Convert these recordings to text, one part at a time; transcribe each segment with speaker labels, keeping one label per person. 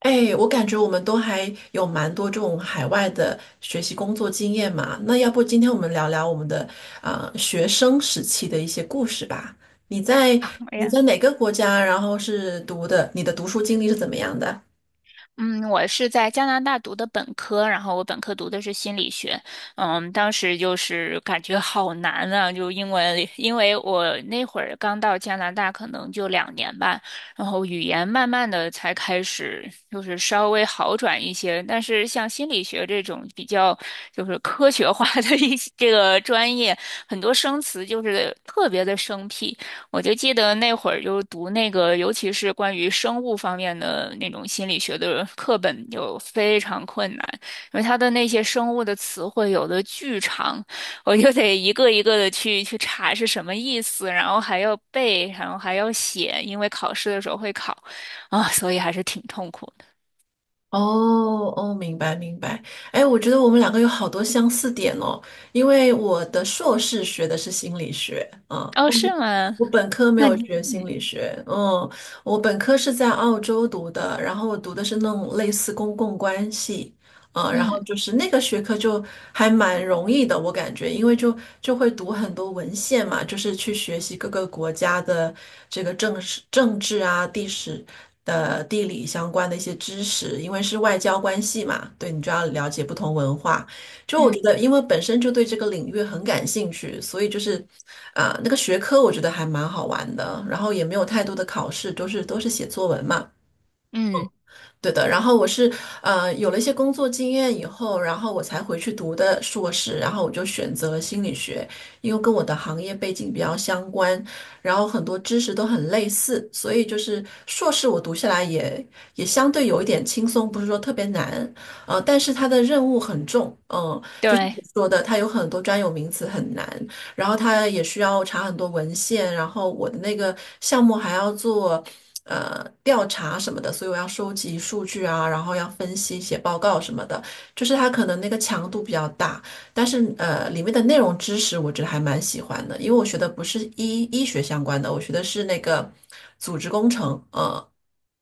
Speaker 1: 哎，我感觉我们都还有蛮多这种海外的学习工作经验嘛。那要不今天我们聊聊我们的学生时期的一些故事吧？你在
Speaker 2: 好
Speaker 1: 你
Speaker 2: 呀，
Speaker 1: 在哪个国家？然后是读的，你的读书经历是怎么样的？
Speaker 2: 嗯，我是在加拿大读的本科，然后我本科读的是心理学。当时就是感觉好难啊，就英文，因为我那会儿刚到加拿大，可能就两年吧，然后语言慢慢的才开始就是稍微好转一些，但是像心理学这种比较就是科学化的 一些这个专业，很多生词就是特别的生僻。我就记得那会儿就读那个，尤其是关于生物方面的那种心理学的课本，就非常困难，因为它的那些生物的词汇有的巨长，我就得一个一个的去查是什么意思，然后还要背，然后还要写，因为考试的时候会考啊，所以还是挺痛苦的。
Speaker 1: 哦哦，明白明白。哎，我觉得我们两个有好多相似点哦，因为我的硕士学的是心理学。嗯，
Speaker 2: 哦，是吗？
Speaker 1: 我本科没
Speaker 2: 那
Speaker 1: 有
Speaker 2: 你
Speaker 1: 学心理学。嗯，我本科是在澳洲读的，然后我读的是那种类似公共关系。然
Speaker 2: 嗯
Speaker 1: 后就是那个学科就还蛮容易的，我感觉，因为就会读很多文献嘛，就是去学习各个国家的这个政史、政治啊、地史的地理相关的一些知识，因为是外交关系嘛，对，你就要了解不同文化。就我
Speaker 2: 嗯
Speaker 1: 觉得，因为本身就对这个领域很感兴趣，所以就是，那个学科我觉得还蛮好玩的，然后也没有太多的考试，都是写作文嘛。
Speaker 2: 嗯，
Speaker 1: 对的。然后我是有了一些工作经验以后，然后我才回去读的硕士，然后我就选择了心理学，因为跟我的行业背景比较相关，然后很多知识都很类似，所以就是硕士我读下来也相对有一点轻松，不是说特别难。但是它的任务很重。嗯、
Speaker 2: 对。
Speaker 1: 说的，它有很多专有名词很难，然后它也需要查很多文献，然后我的那个项目还要做调查什么的，所以我要收集数据啊，然后要分析、写报告什么的，就是它可能那个强度比较大，但是里面的内容知识我觉得还蛮喜欢的，因为我学的不是医学相关的，我学的是那个组织工程。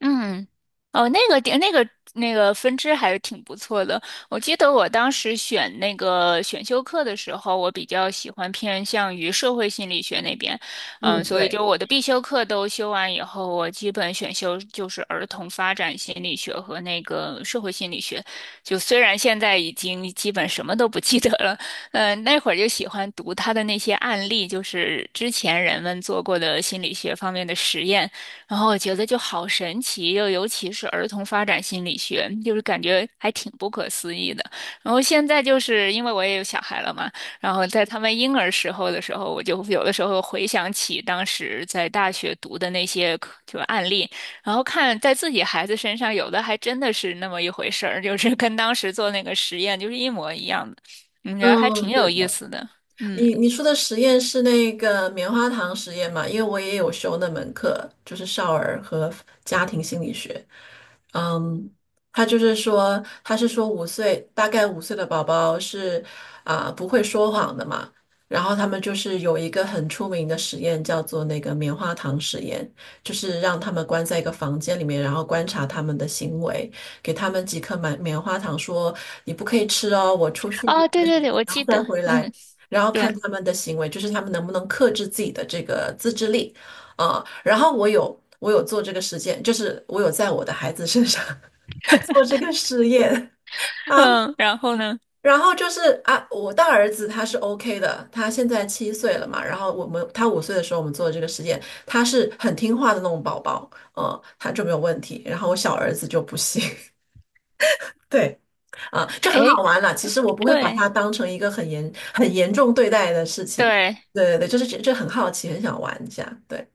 Speaker 2: 嗯，哦，那个点，那个分支还是挺不错的。我记得我当时选那个选修课的时候，我比较喜欢偏向于社会心理学那边。嗯，
Speaker 1: 嗯，
Speaker 2: 所以
Speaker 1: 对，
Speaker 2: 就我的必修课都修完以后，我基本选修就是儿童发展心理学和那个社会心理学。就虽然现在已经基本什么都不记得了，嗯，那会儿就喜欢读他的那些案例，就是之前人们做过的心理学方面的实验。然后我觉得就好神奇，又尤其是儿童发展心理学，就是感觉还挺不可思议的。然后现在就是因为我也有小孩了嘛，然后在他们婴儿时候的时候，我就有的时候回想起当时在大学读的那些课就案例，然后看在自己孩子身上，有的还真的是那么一回事儿，就是跟当时做那个实验就是一模一样的，嗯，觉得还
Speaker 1: 嗯，
Speaker 2: 挺
Speaker 1: 对
Speaker 2: 有意
Speaker 1: 的。
Speaker 2: 思的。嗯，
Speaker 1: 你说的实验是那个棉花糖实验嘛？因为我也有修那门课，就是少儿和家庭心理学。嗯，他就是说，他是说五岁，大概五岁的宝宝是不会说谎的嘛。然后他们就是有一个很出名的实验，叫做那个棉花糖实验，就是让他们关在一个房间里面，然后观察他们的行为，给他们几颗棉花糖，说你不可以吃哦，我出去一
Speaker 2: 哦，对
Speaker 1: 段时
Speaker 2: 对对，
Speaker 1: 间，
Speaker 2: 我
Speaker 1: 然后
Speaker 2: 记
Speaker 1: 再
Speaker 2: 得。
Speaker 1: 回来。
Speaker 2: 嗯，
Speaker 1: 然后
Speaker 2: 对。
Speaker 1: 看他们的行为，就是他们能不能克制自己的这个自制力。然后我有做这个实践，就是我有在我的孩子身上 做这个实验啊。
Speaker 2: 嗯，然后呢？
Speaker 1: 然后就是啊，我大儿子他是 OK 的，他现在7岁了嘛，然后我们他五岁的时候我们做这个实验，他是很听话的那种宝宝。他就没有问题，然后我小儿子就不行。对。啊，就很
Speaker 2: 哎，
Speaker 1: 好玩了。其实我不会把
Speaker 2: 对。
Speaker 1: 它当成一个很严重对待的事情。
Speaker 2: 对，
Speaker 1: 对对对，就是这很好奇，很想玩一下。对。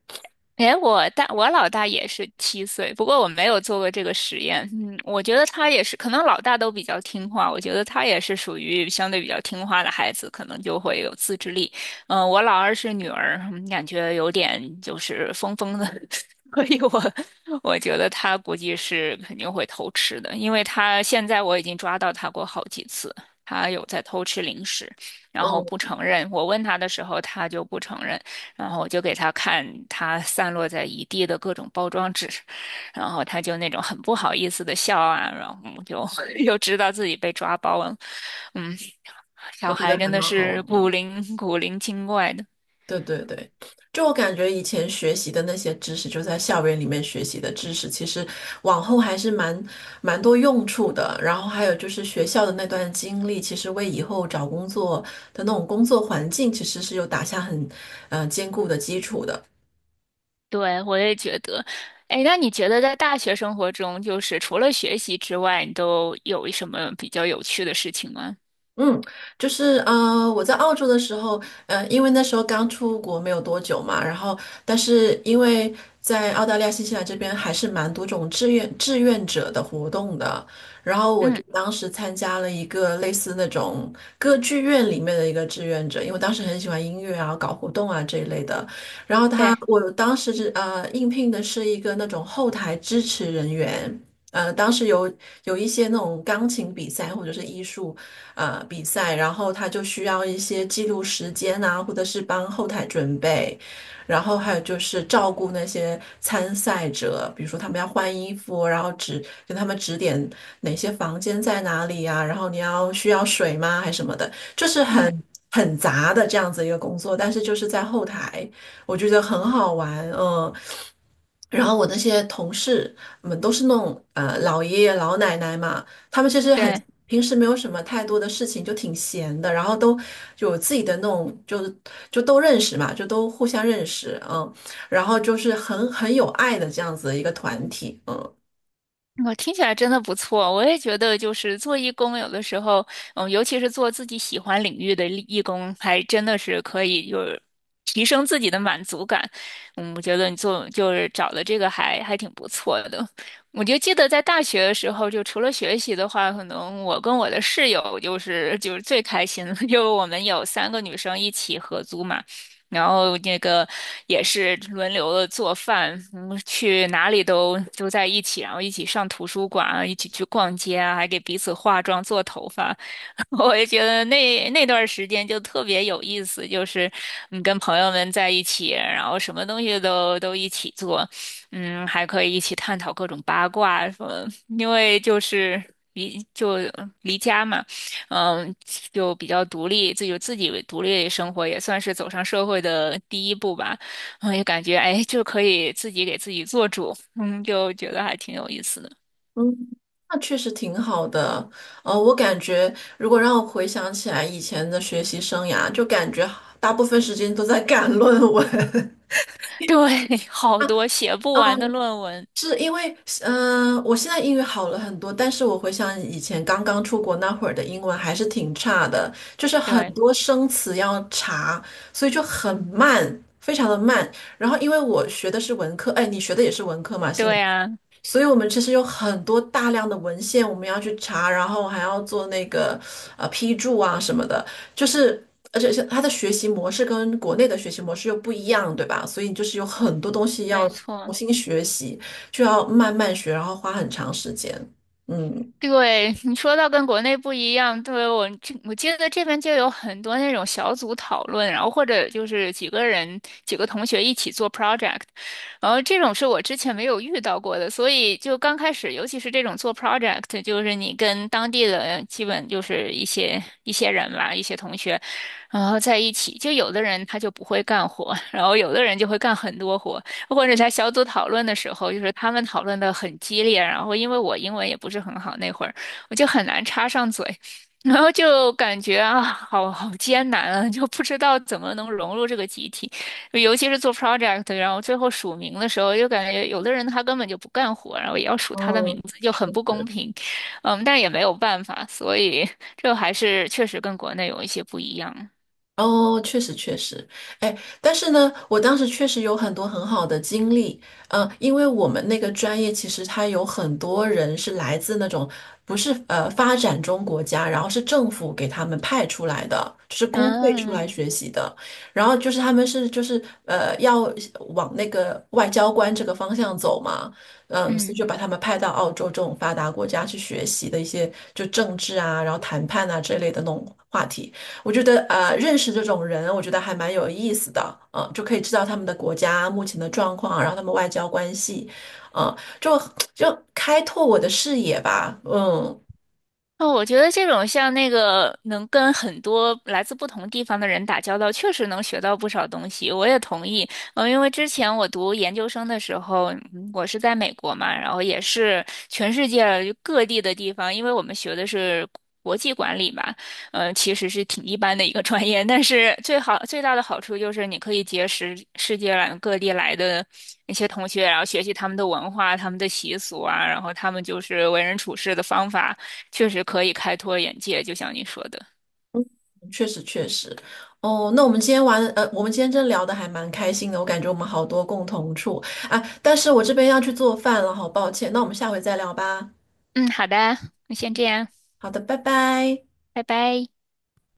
Speaker 2: 哎，我大我老大也是七岁，不过我没有做过这个实验。嗯，我觉得他也是，可能老大都比较听话，我觉得他也是属于相对比较听话的孩子，可能就会有自制力。嗯、我老二是女儿，嗯感觉有点就是疯疯的，所以我觉得他估计是肯定会偷吃的，因为他现在我已经抓到他过好几次，他有在偷吃零食，然后
Speaker 1: 嗯，
Speaker 2: 不承认。我问他的时候，他就不承认。然后我就给他看他散落在一地的各种包装纸，然后他就那种很不好意思的笑啊，然后我就 又知道自己被抓包了。嗯，
Speaker 1: 我
Speaker 2: 小
Speaker 1: 觉得
Speaker 2: 孩真
Speaker 1: 还蛮
Speaker 2: 的
Speaker 1: 好
Speaker 2: 是
Speaker 1: 玩的。
Speaker 2: 古灵精怪的。
Speaker 1: 对对对，就我感觉以前学习的那些知识，就在校园里面学习的知识，其实往后还是蛮多用处的。然后还有就是学校的那段经历，其实为以后找工作的那种工作环境，其实是有打下很坚固的基础的。
Speaker 2: 对，我也觉得。哎，那你觉得在大学生活中，就是除了学习之外，你都有什么比较有趣的事情吗？
Speaker 1: 嗯，就是我在澳洲的时候。因为那时候刚出国没有多久嘛，然后但是因为在澳大利亚、新西兰这边还是蛮多种志愿者的活动的，然后我
Speaker 2: 嗯，
Speaker 1: 就当时参加了一个类似那种歌剧院里面的一个志愿者，因为我当时很喜欢音乐啊、搞活动啊这一类的，然后
Speaker 2: 对，
Speaker 1: 我当时是应聘的是一个那种后台支持人员。当时有一些那种钢琴比赛或者是艺术比赛，然后他就需要一些记录时间啊，或者是帮后台准备，然后还有就是照顾那些参赛者，比如说他们要换衣服，然后指给他们指点哪些房间在哪里啊，然后你要需要水吗，还什么的，就是
Speaker 2: 嗯，
Speaker 1: 很杂的这样子一个工作，但是就是在后台，我觉得很好玩。嗯、然后我那些同事们都是那种老爷爷老奶奶嘛，他们其实很
Speaker 2: 对。
Speaker 1: 平时没有什么太多的事情，就挺闲的，然后都有自己的那种，就是就都认识嘛，就都互相认识。嗯，然后就是很有爱的这样子的一个团体。嗯。
Speaker 2: 我听起来真的不错，我也觉得就是做义工，有的时候，嗯，尤其是做自己喜欢领域的义工，还真的是可以就是提升自己的满足感。嗯，我觉得你做就是找的这个还挺不错的。我就记得在大学的时候，就除了学习的话，可能我跟我的室友就是最开心的，就我们有三个女生一起合租嘛。然后那个也是轮流的做饭，嗯，去哪里都在一起，然后一起上图书馆啊一起去逛街啊，还给彼此化妆、做头发。我也觉得那段时间就特别有意思，就是嗯，跟朋友们在一起，然后什么东西都一起做，嗯，还可以一起探讨各种八卦什么，因为就是离家嘛。嗯，就比较独立，自己为独立生活，也算是走上社会的第一步吧。嗯，也感觉哎，就可以自己给自己做主，嗯，就觉得还挺有意思的。
Speaker 1: 嗯，那确实挺好的。我感觉如果让我回想起来以前的学习生涯，就感觉大部分时间都在 赶论文。
Speaker 2: 对，好多写 不完的
Speaker 1: 嗯，
Speaker 2: 论文。
Speaker 1: 是因为，我现在英语好了很多，但是我回想以前刚刚出国那会儿的英文还是挺差的，就是很
Speaker 2: 对，
Speaker 1: 多生词要查，所以就很慢，非常的慢。然后因为我学的是文科，哎，你学的也是文科嘛，
Speaker 2: 对啊，
Speaker 1: 所以我们其实有很多大量的文献我们要去查，然后还要做那个批注啊什么的，就是而且是它的学习模式跟国内的学习模式又不一样，对吧？所以就是有很多东西要
Speaker 2: 没
Speaker 1: 重
Speaker 2: 错。
Speaker 1: 新学习，就要慢慢学，然后花很长时间。嗯，
Speaker 2: 对，你说到跟国内不一样，对，我记得这边就有很多那种小组讨论，然后或者就是几个人几个同学一起做 project，然后这种是我之前没有遇到过的，所以就刚开始，尤其是这种做 project，就是你跟当地的基本就是一些人吧，一些同学，然后在一起，就有的人他就不会干活，然后有的人就会干很多活。或者在小组讨论的时候，就是他们讨论的很激烈，然后因为我英文也不是很好，那会儿我就很难插上嘴。然后就感觉啊，好艰难啊，就不知道怎么能融入这个集体，尤其是做 project，然后最后署名的时候，就感觉有的人他根本就不干活，然后也要署他的
Speaker 1: 哦，
Speaker 2: 名字，就很不公平。嗯，但也没有办法，所以这还是确实跟国内有一些不一样。
Speaker 1: 哦，确实确实。哎，但是呢，我当时确实有很多很好的经历。因为我们那个专业其实它有很多人是来自那种不是发展中国家，然后是政府给他们派出来的，就是公费出来
Speaker 2: 嗯
Speaker 1: 学习的，然后就是他们是就是要往那个外交官这个方向走嘛。所以
Speaker 2: 嗯。
Speaker 1: 就把他们派到澳洲这种发达国家去学习的一些就政治啊，然后谈判啊这类的那种话题。我觉得认识这种人，我觉得还蛮有意思的。就可以知道他们的国家目前的状况，然后他们外交关系。嗯、就就开拓我的视野吧。嗯，
Speaker 2: 哦，我觉得这种像那个能跟很多来自不同地方的人打交道，确实能学到不少东西。我也同意。嗯，因为之前我读研究生的时候，嗯我是在美国嘛，然后也是全世界各地的地方，因为我们学的是国际管理嘛，嗯，其实是挺一般的一个专业，但是最好最大的好处就是你可以结识世界来各地来的那些同学，然后学习他们的文化、他们的习俗啊，然后他们就是为人处事的方法。确实可以开拓眼界，就像你说的。
Speaker 1: 确实确实。哦，那我们今天玩，我们今天真聊的还蛮开心的，我感觉我们好多共同处啊，但是我这边要去做饭了，好抱歉，那我们下回再聊吧。
Speaker 2: 嗯，好的，那先这样，
Speaker 1: 好的。拜拜。
Speaker 2: 拜拜。